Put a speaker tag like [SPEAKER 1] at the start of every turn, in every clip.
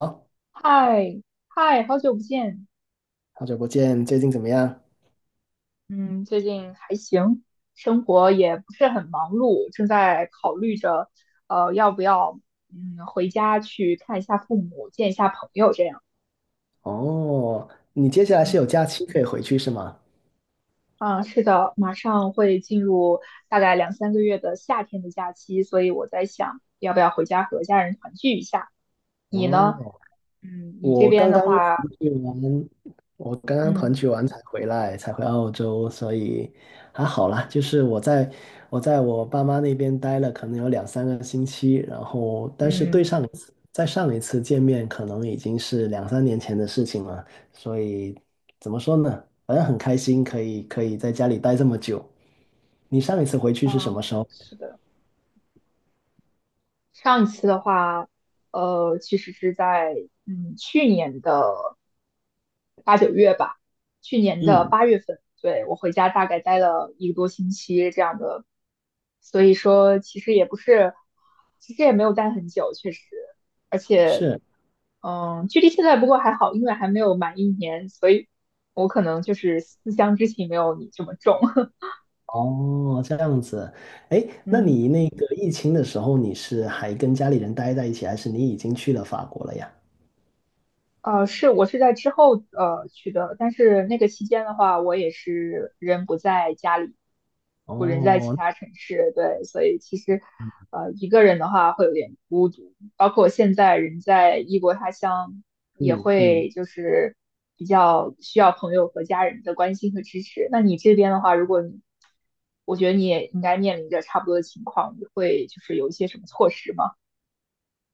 [SPEAKER 1] 好，
[SPEAKER 2] 嗨嗨，好久不见。
[SPEAKER 1] 好久不见，最近怎么样？
[SPEAKER 2] 嗯，最近还行，生活也不是很忙碌，正在考虑着，要不要回家去看一下父母，见一下朋友这样。
[SPEAKER 1] 哦，你接下来是
[SPEAKER 2] 嗯
[SPEAKER 1] 有假期可以回去是吗？
[SPEAKER 2] 啊，是的，马上会进入大概两三个月的夏天的假期，所以我在想，要不要回家和家人团聚一下。你呢？
[SPEAKER 1] 哦，
[SPEAKER 2] 嗯，你这
[SPEAKER 1] 我
[SPEAKER 2] 边
[SPEAKER 1] 刚
[SPEAKER 2] 的
[SPEAKER 1] 刚
[SPEAKER 2] 话，
[SPEAKER 1] 团聚完，我刚刚团
[SPEAKER 2] 嗯
[SPEAKER 1] 聚完才回来，才回澳洲，所以还好啦。就是我在我爸妈那边待了可能有两三个星期，然后但是对
[SPEAKER 2] 嗯
[SPEAKER 1] 上一次，再上一次见面可能已经是两三年前的事情了，所以怎么说呢？反正很开心，可以在家里待这么久。你上一次回去
[SPEAKER 2] 嗯
[SPEAKER 1] 是
[SPEAKER 2] 啊，
[SPEAKER 1] 什么时候？
[SPEAKER 2] 是的。上一次的话，其实是在嗯去年的去年的
[SPEAKER 1] 嗯，
[SPEAKER 2] 8月份，对，我回家大概待了一个多星期这样的，所以说其实也不是，其实也没有待很久，确实，而且
[SPEAKER 1] 是。
[SPEAKER 2] 距离现在不过还好，因为还没有满一年，所以我可能就是思乡之情没有你这么重，
[SPEAKER 1] 哦，这样子。哎，那
[SPEAKER 2] 嗯。
[SPEAKER 1] 你那个疫情的时候，你是还跟家里人待在一起，还是你已经去了法国了呀？
[SPEAKER 2] 我是在之后去的，但是那个期间的话，我也是人不在家里，我人在其
[SPEAKER 1] 哦，
[SPEAKER 2] 他城市，对，所以其实一个人的话会有点孤独，包括现在人在异国他乡，也
[SPEAKER 1] 嗯嗯。
[SPEAKER 2] 会就是比较需要朋友和家人的关心和支持。那你这边的话，如果你，我觉得你也应该面临着差不多的情况，你会就是有一些什么措施吗？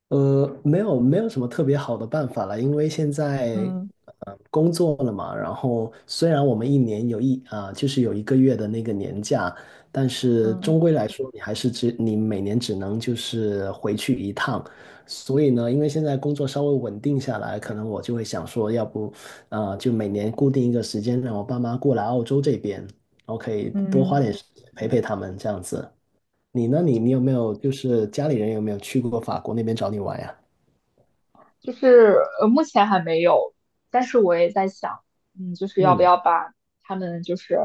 [SPEAKER 1] 没有没有什么特别好的办法了，因为现在
[SPEAKER 2] 嗯
[SPEAKER 1] 工作了嘛，然后虽然我们一年有一啊、就是有一个月的那个年假，但是
[SPEAKER 2] 嗯
[SPEAKER 1] 终归来说，你每年只能就是回去一趟，所以呢，因为现在工作稍微稳定下来，可能我就会想说，要不就每年固定一个时间让我爸妈过来澳洲这边，我可以多花
[SPEAKER 2] 嗯。
[SPEAKER 1] 点时间陪陪他们这样子。你呢？你你有没有就是家里人有没有去过法国那边找你玩呀？
[SPEAKER 2] 就是目前还没有，但是我也在想，就是要不
[SPEAKER 1] 嗯
[SPEAKER 2] 要把他们就是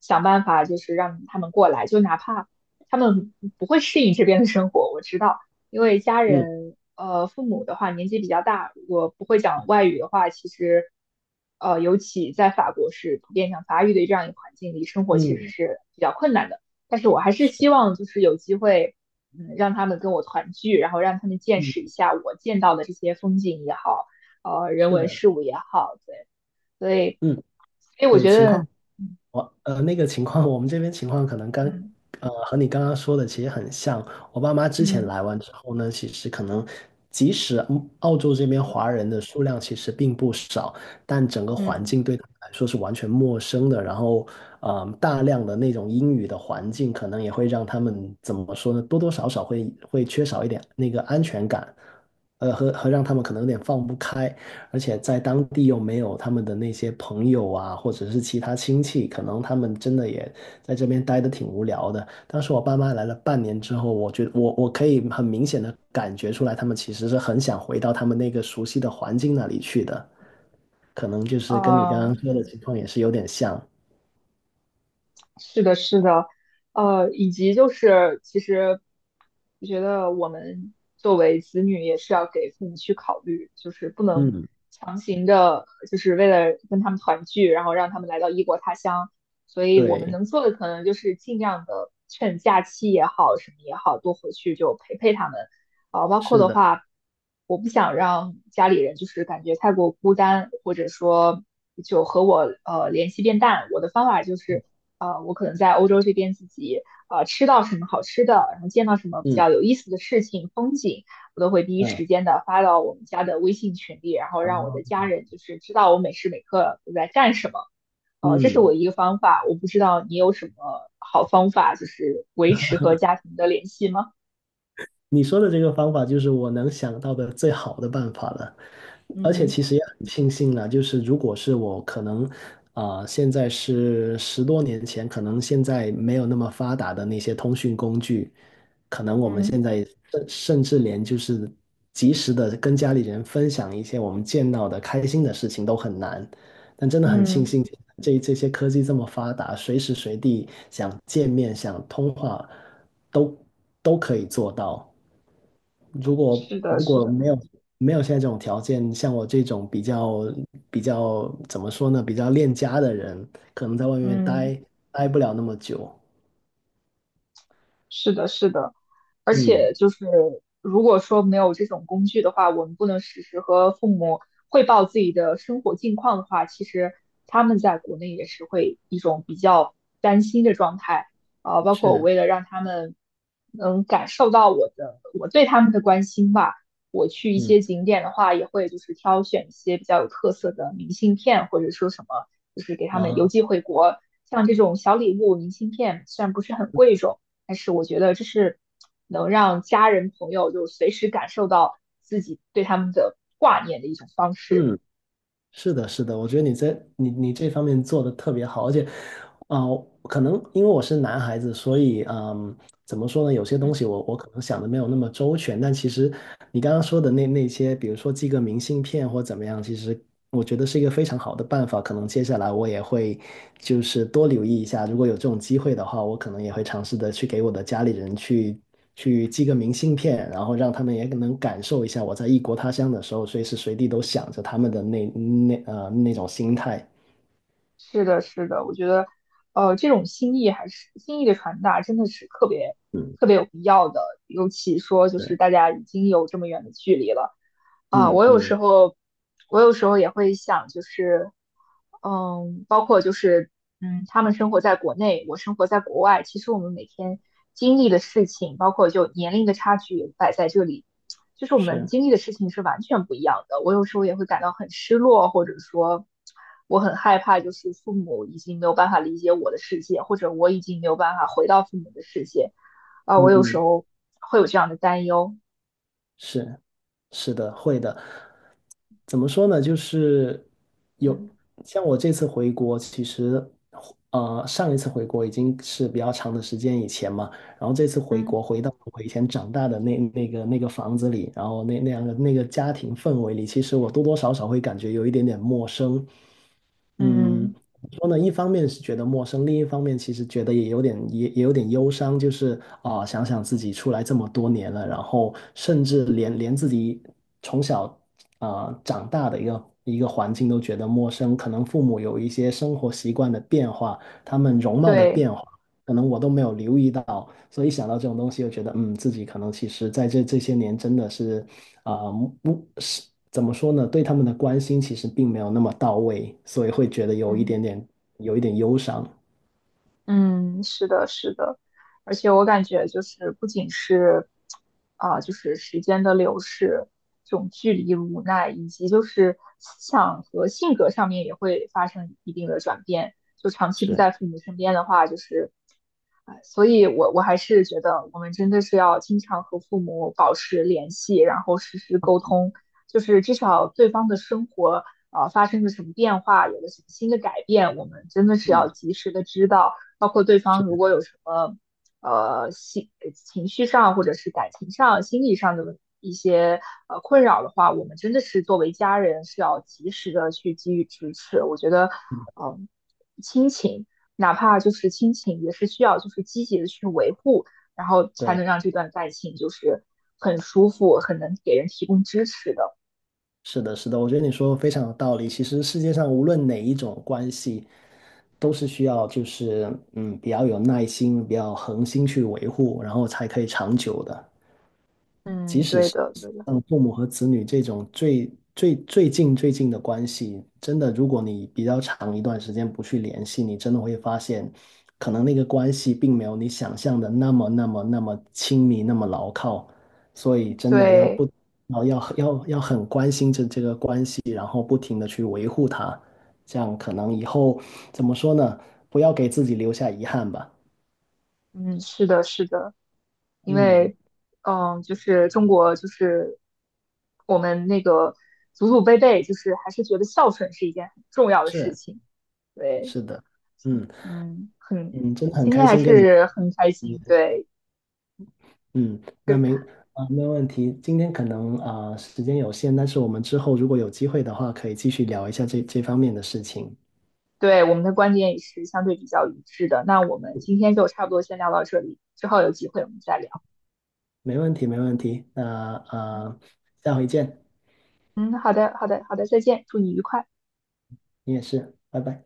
[SPEAKER 2] 想办法，就是让他们过来，就哪怕他们不会适应这边的生活，我知道，因为家
[SPEAKER 1] 嗯
[SPEAKER 2] 人父母的话年纪比较大，如果不会讲外语的话，其实尤其在法国是普遍讲法语的这样一个环境里，生活其实
[SPEAKER 1] 嗯，
[SPEAKER 2] 是比较困难的。但是我还是希
[SPEAKER 1] 是
[SPEAKER 2] 望就是有机会。让他们跟我团聚，然后让他们见识一
[SPEAKER 1] 嗯
[SPEAKER 2] 下我见到的这些风景也好，人
[SPEAKER 1] 是
[SPEAKER 2] 文
[SPEAKER 1] 的。
[SPEAKER 2] 事物也好，对，所以，
[SPEAKER 1] 嗯，
[SPEAKER 2] 我
[SPEAKER 1] 对，
[SPEAKER 2] 觉
[SPEAKER 1] 情
[SPEAKER 2] 得，
[SPEAKER 1] 况。我那个情况，我们这边情况可能
[SPEAKER 2] 嗯
[SPEAKER 1] 和你刚刚说的其实很像。我爸妈之前
[SPEAKER 2] 嗯
[SPEAKER 1] 来完之后呢，其实可能即使澳洲这边
[SPEAKER 2] 嗯
[SPEAKER 1] 华人的数量其实并不少，但整个环
[SPEAKER 2] 嗯，
[SPEAKER 1] 境对他们来说是完全陌生的。然后，大量的那种英语的环境，可能也会让他们怎么说呢？多多少少会缺少一点那个安全感，和让他们可能有点放不开。而且在当地又没有他们的那些朋友啊，或者是其他亲戚，可能他们真的也在这边待的挺无聊的。当时我爸妈来了半年之后，我觉得我可以很明显的感觉出来，他们其实是很想回到他们那个熟悉的环境那里去的，可能就
[SPEAKER 2] 哦、
[SPEAKER 1] 是跟你刚刚说的情况也是有点像。
[SPEAKER 2] 是的，是的，以及就是其实我觉得我们作为子女也是要给父母去考虑，就是不能
[SPEAKER 1] 嗯，
[SPEAKER 2] 强行的，就是为了跟他们团聚，然后让他们来到异国他乡。所以我们
[SPEAKER 1] 对，
[SPEAKER 2] 能做的可能就是尽量的趁假期也好，什么也好，多回去就陪陪他们，啊、包括
[SPEAKER 1] 是
[SPEAKER 2] 的
[SPEAKER 1] 的。
[SPEAKER 2] 话，我不想让家里人就是感觉太过孤单，或者说就和我联系变淡。我的方法就是，我可能在欧洲这边自己吃到什么好吃的，然后见到什么比
[SPEAKER 1] 嗯
[SPEAKER 2] 较有意思的事情、风景，我都会第一
[SPEAKER 1] 嗯，
[SPEAKER 2] 时间的发到我们家的微信群里，然后让我
[SPEAKER 1] 哦。
[SPEAKER 2] 的家人就是知道我每时每刻都在干什么。这是
[SPEAKER 1] 嗯。
[SPEAKER 2] 我一个方法，我不知道你有什么好方法，就是维持和家庭的联系吗？
[SPEAKER 1] 你说的这个方法就是我能想到的最好的办法了，而且
[SPEAKER 2] 嗯
[SPEAKER 1] 其实也很庆幸了，就是如果是我可能，现在是10多年前，可能现在没有那么发达的那些通讯工具，可能我们现
[SPEAKER 2] 嗯。
[SPEAKER 1] 在甚至连就是及时的跟家里人分享一些我们见到的开心的事情都很难，但真的很
[SPEAKER 2] 嗯
[SPEAKER 1] 庆
[SPEAKER 2] 嗯。
[SPEAKER 1] 幸这些科技这么发达，随时随地想见面、想通话都都可以做到。如果
[SPEAKER 2] 是的，
[SPEAKER 1] 如
[SPEAKER 2] 是
[SPEAKER 1] 果
[SPEAKER 2] 的，
[SPEAKER 1] 没有现在这种条件，像我这种比较怎么说呢，比较恋家的人，可能在外面
[SPEAKER 2] 嗯，
[SPEAKER 1] 待不了那么久。
[SPEAKER 2] 是的，是的。而
[SPEAKER 1] 嗯，
[SPEAKER 2] 且就是如果说没有这种工具的话，我们不能实时和父母汇报自己的生活近况的话，其实他们在国内也是会一种比较担心的状态啊、包括我
[SPEAKER 1] 是。
[SPEAKER 2] 为了让他们能感受到我对他们的关心吧，我去一
[SPEAKER 1] 嗯
[SPEAKER 2] 些景点的话，也会就是挑选一些比较有特色的明信片，或者说什么，就是给他们邮
[SPEAKER 1] 啊。
[SPEAKER 2] 寄回国。像这种小礼物、明信片，虽然不是很贵重，但是我觉得这是能让家人朋友就随时感受到自己对他们的挂念的一种方式。
[SPEAKER 1] 嗯，是的，是的，我觉得你在这方面做的特别好，而且可能因为我是男孩子，所以怎么说呢？有些
[SPEAKER 2] 嗯，
[SPEAKER 1] 东西我可能想的没有那么周全，但其实你刚刚说的那些，比如说寄个明信片或怎么样，其实我觉得是一个非常好的办法。可能接下来我也会就是多留意一下，如果有这种机会的话，我可能也会尝试的去给我的家里人去寄个明信片，然后让他们也能感受一下我在异国他乡的时候，随时随地都想着他们的那种心态。
[SPEAKER 2] 是的，是的，我觉得，这种心意还是心意的传达，真的是特别
[SPEAKER 1] 嗯，
[SPEAKER 2] 特别有必要的。尤其说就
[SPEAKER 1] 对，
[SPEAKER 2] 是大家已经有这么远的距离了，啊，
[SPEAKER 1] 嗯嗯，
[SPEAKER 2] 我有时候也会想，就是，包括就是，他们生活在国内，我生活在国外，其实我们每天经历的事情，包括就年龄的差距也摆在这里，就是我们
[SPEAKER 1] 是，
[SPEAKER 2] 经历的事情是完全不一样的。我有时候也会感到很失落，或者说我很害怕，就是父母已经没有办法理解我的世界，或者我已经没有办法回到父母的世界，啊，
[SPEAKER 1] 嗯
[SPEAKER 2] 我有时
[SPEAKER 1] 嗯。
[SPEAKER 2] 候会有这样的担忧。
[SPEAKER 1] 是，是的，会的。怎么说呢？就是有
[SPEAKER 2] 嗯
[SPEAKER 1] 像我这次回国，其实上一次回国已经是比较长的时间以前嘛，然后这次回
[SPEAKER 2] 嗯。
[SPEAKER 1] 国回到我以前长大的那个房子里，然后那样的那个家庭氛围里，其实我多多少少会感觉有一点点陌生。嗯，
[SPEAKER 2] 嗯。
[SPEAKER 1] 怎么说呢，一方面是觉得陌生，另一方面其实觉得也有点忧伤，就是想想自己出来这么多年了，然后甚至连自己从小长大的一个一个环境都觉得陌生，可能父母有一些生活习惯的变化，他们容貌的
[SPEAKER 2] 对，
[SPEAKER 1] 变化，可能我都没有留意到，所以一想到这种东西，又觉得自己可能其实在这些年真的是啊、不是怎么说呢？对他们的关心其实并没有那么到位，所以会觉得
[SPEAKER 2] 嗯。
[SPEAKER 1] 有一点忧伤。
[SPEAKER 2] 嗯，是的，是的，而且我感觉就是不仅是啊、就是时间的流逝，这种距离无奈，以及就是思想和性格上面也会发生一定的转变。就长期不
[SPEAKER 1] 是，
[SPEAKER 2] 在父母身边的话，就是，哎，所以我还是觉得我们真的是要经常和父母保持联系，然后实时沟通，就是至少对方的生活啊、发生了什么变化，有了什么新的改变，我们真的是要
[SPEAKER 1] 嗯，
[SPEAKER 2] 及时的知道。包括对
[SPEAKER 1] 是
[SPEAKER 2] 方如
[SPEAKER 1] 的，
[SPEAKER 2] 果有什么呃心情绪上或者是感情上、心理上的一些困扰的话，我们真的是作为家人是要及时的去给予支持。我觉得，
[SPEAKER 1] 是的。
[SPEAKER 2] 嗯、亲情哪怕就是亲情，也是需要就是积极的去维护，然后才
[SPEAKER 1] 对，
[SPEAKER 2] 能让这段感情就是很舒服，很能给人提供支持的。
[SPEAKER 1] 是的，是的，我觉得你说的非常有道理。其实世界上无论哪一种关系，都是需要就是比较有耐心、比较恒心去维护，然后才可以长久的。即
[SPEAKER 2] 嗯，
[SPEAKER 1] 使
[SPEAKER 2] 对
[SPEAKER 1] 是
[SPEAKER 2] 的，对的，
[SPEAKER 1] 像父母和子女这种最近的关系，真的，如果你比较长一段时间不去联系，你真的会发现，可能那个关系并没有你想象的那么那么那么亲密，那么牢靠。所以真的要
[SPEAKER 2] 对。
[SPEAKER 1] 不，要要要要很关心这个关系，然后不停的去维护它，这样可能以后怎么说呢？不要给自己留下遗憾吧。
[SPEAKER 2] 嗯，是的，是的，因
[SPEAKER 1] 嗯，
[SPEAKER 2] 为，就是中国，就是我们那个祖祖辈辈，就是还是觉得孝顺是一件很重要的事
[SPEAKER 1] 是
[SPEAKER 2] 情。对，
[SPEAKER 1] 是的，嗯
[SPEAKER 2] 嗯，
[SPEAKER 1] 嗯，真的很
[SPEAKER 2] 今天
[SPEAKER 1] 开
[SPEAKER 2] 还
[SPEAKER 1] 心跟你。
[SPEAKER 2] 是很开心，对，
[SPEAKER 1] 嗯，那
[SPEAKER 2] 对
[SPEAKER 1] 没问题。今天可能时间有限，但是我们之后如果有机会的话，可以继续聊一下这方面的事情。
[SPEAKER 2] 对，我们的观点也是相对比较一致的。那我们今天就差不多先聊到这里，之后有机会我们再聊。
[SPEAKER 1] 没问题，没问题。那
[SPEAKER 2] 嗯，
[SPEAKER 1] 下回见，
[SPEAKER 2] 嗯好的，好的，好的，再见，祝你愉快。
[SPEAKER 1] 你也是，拜拜。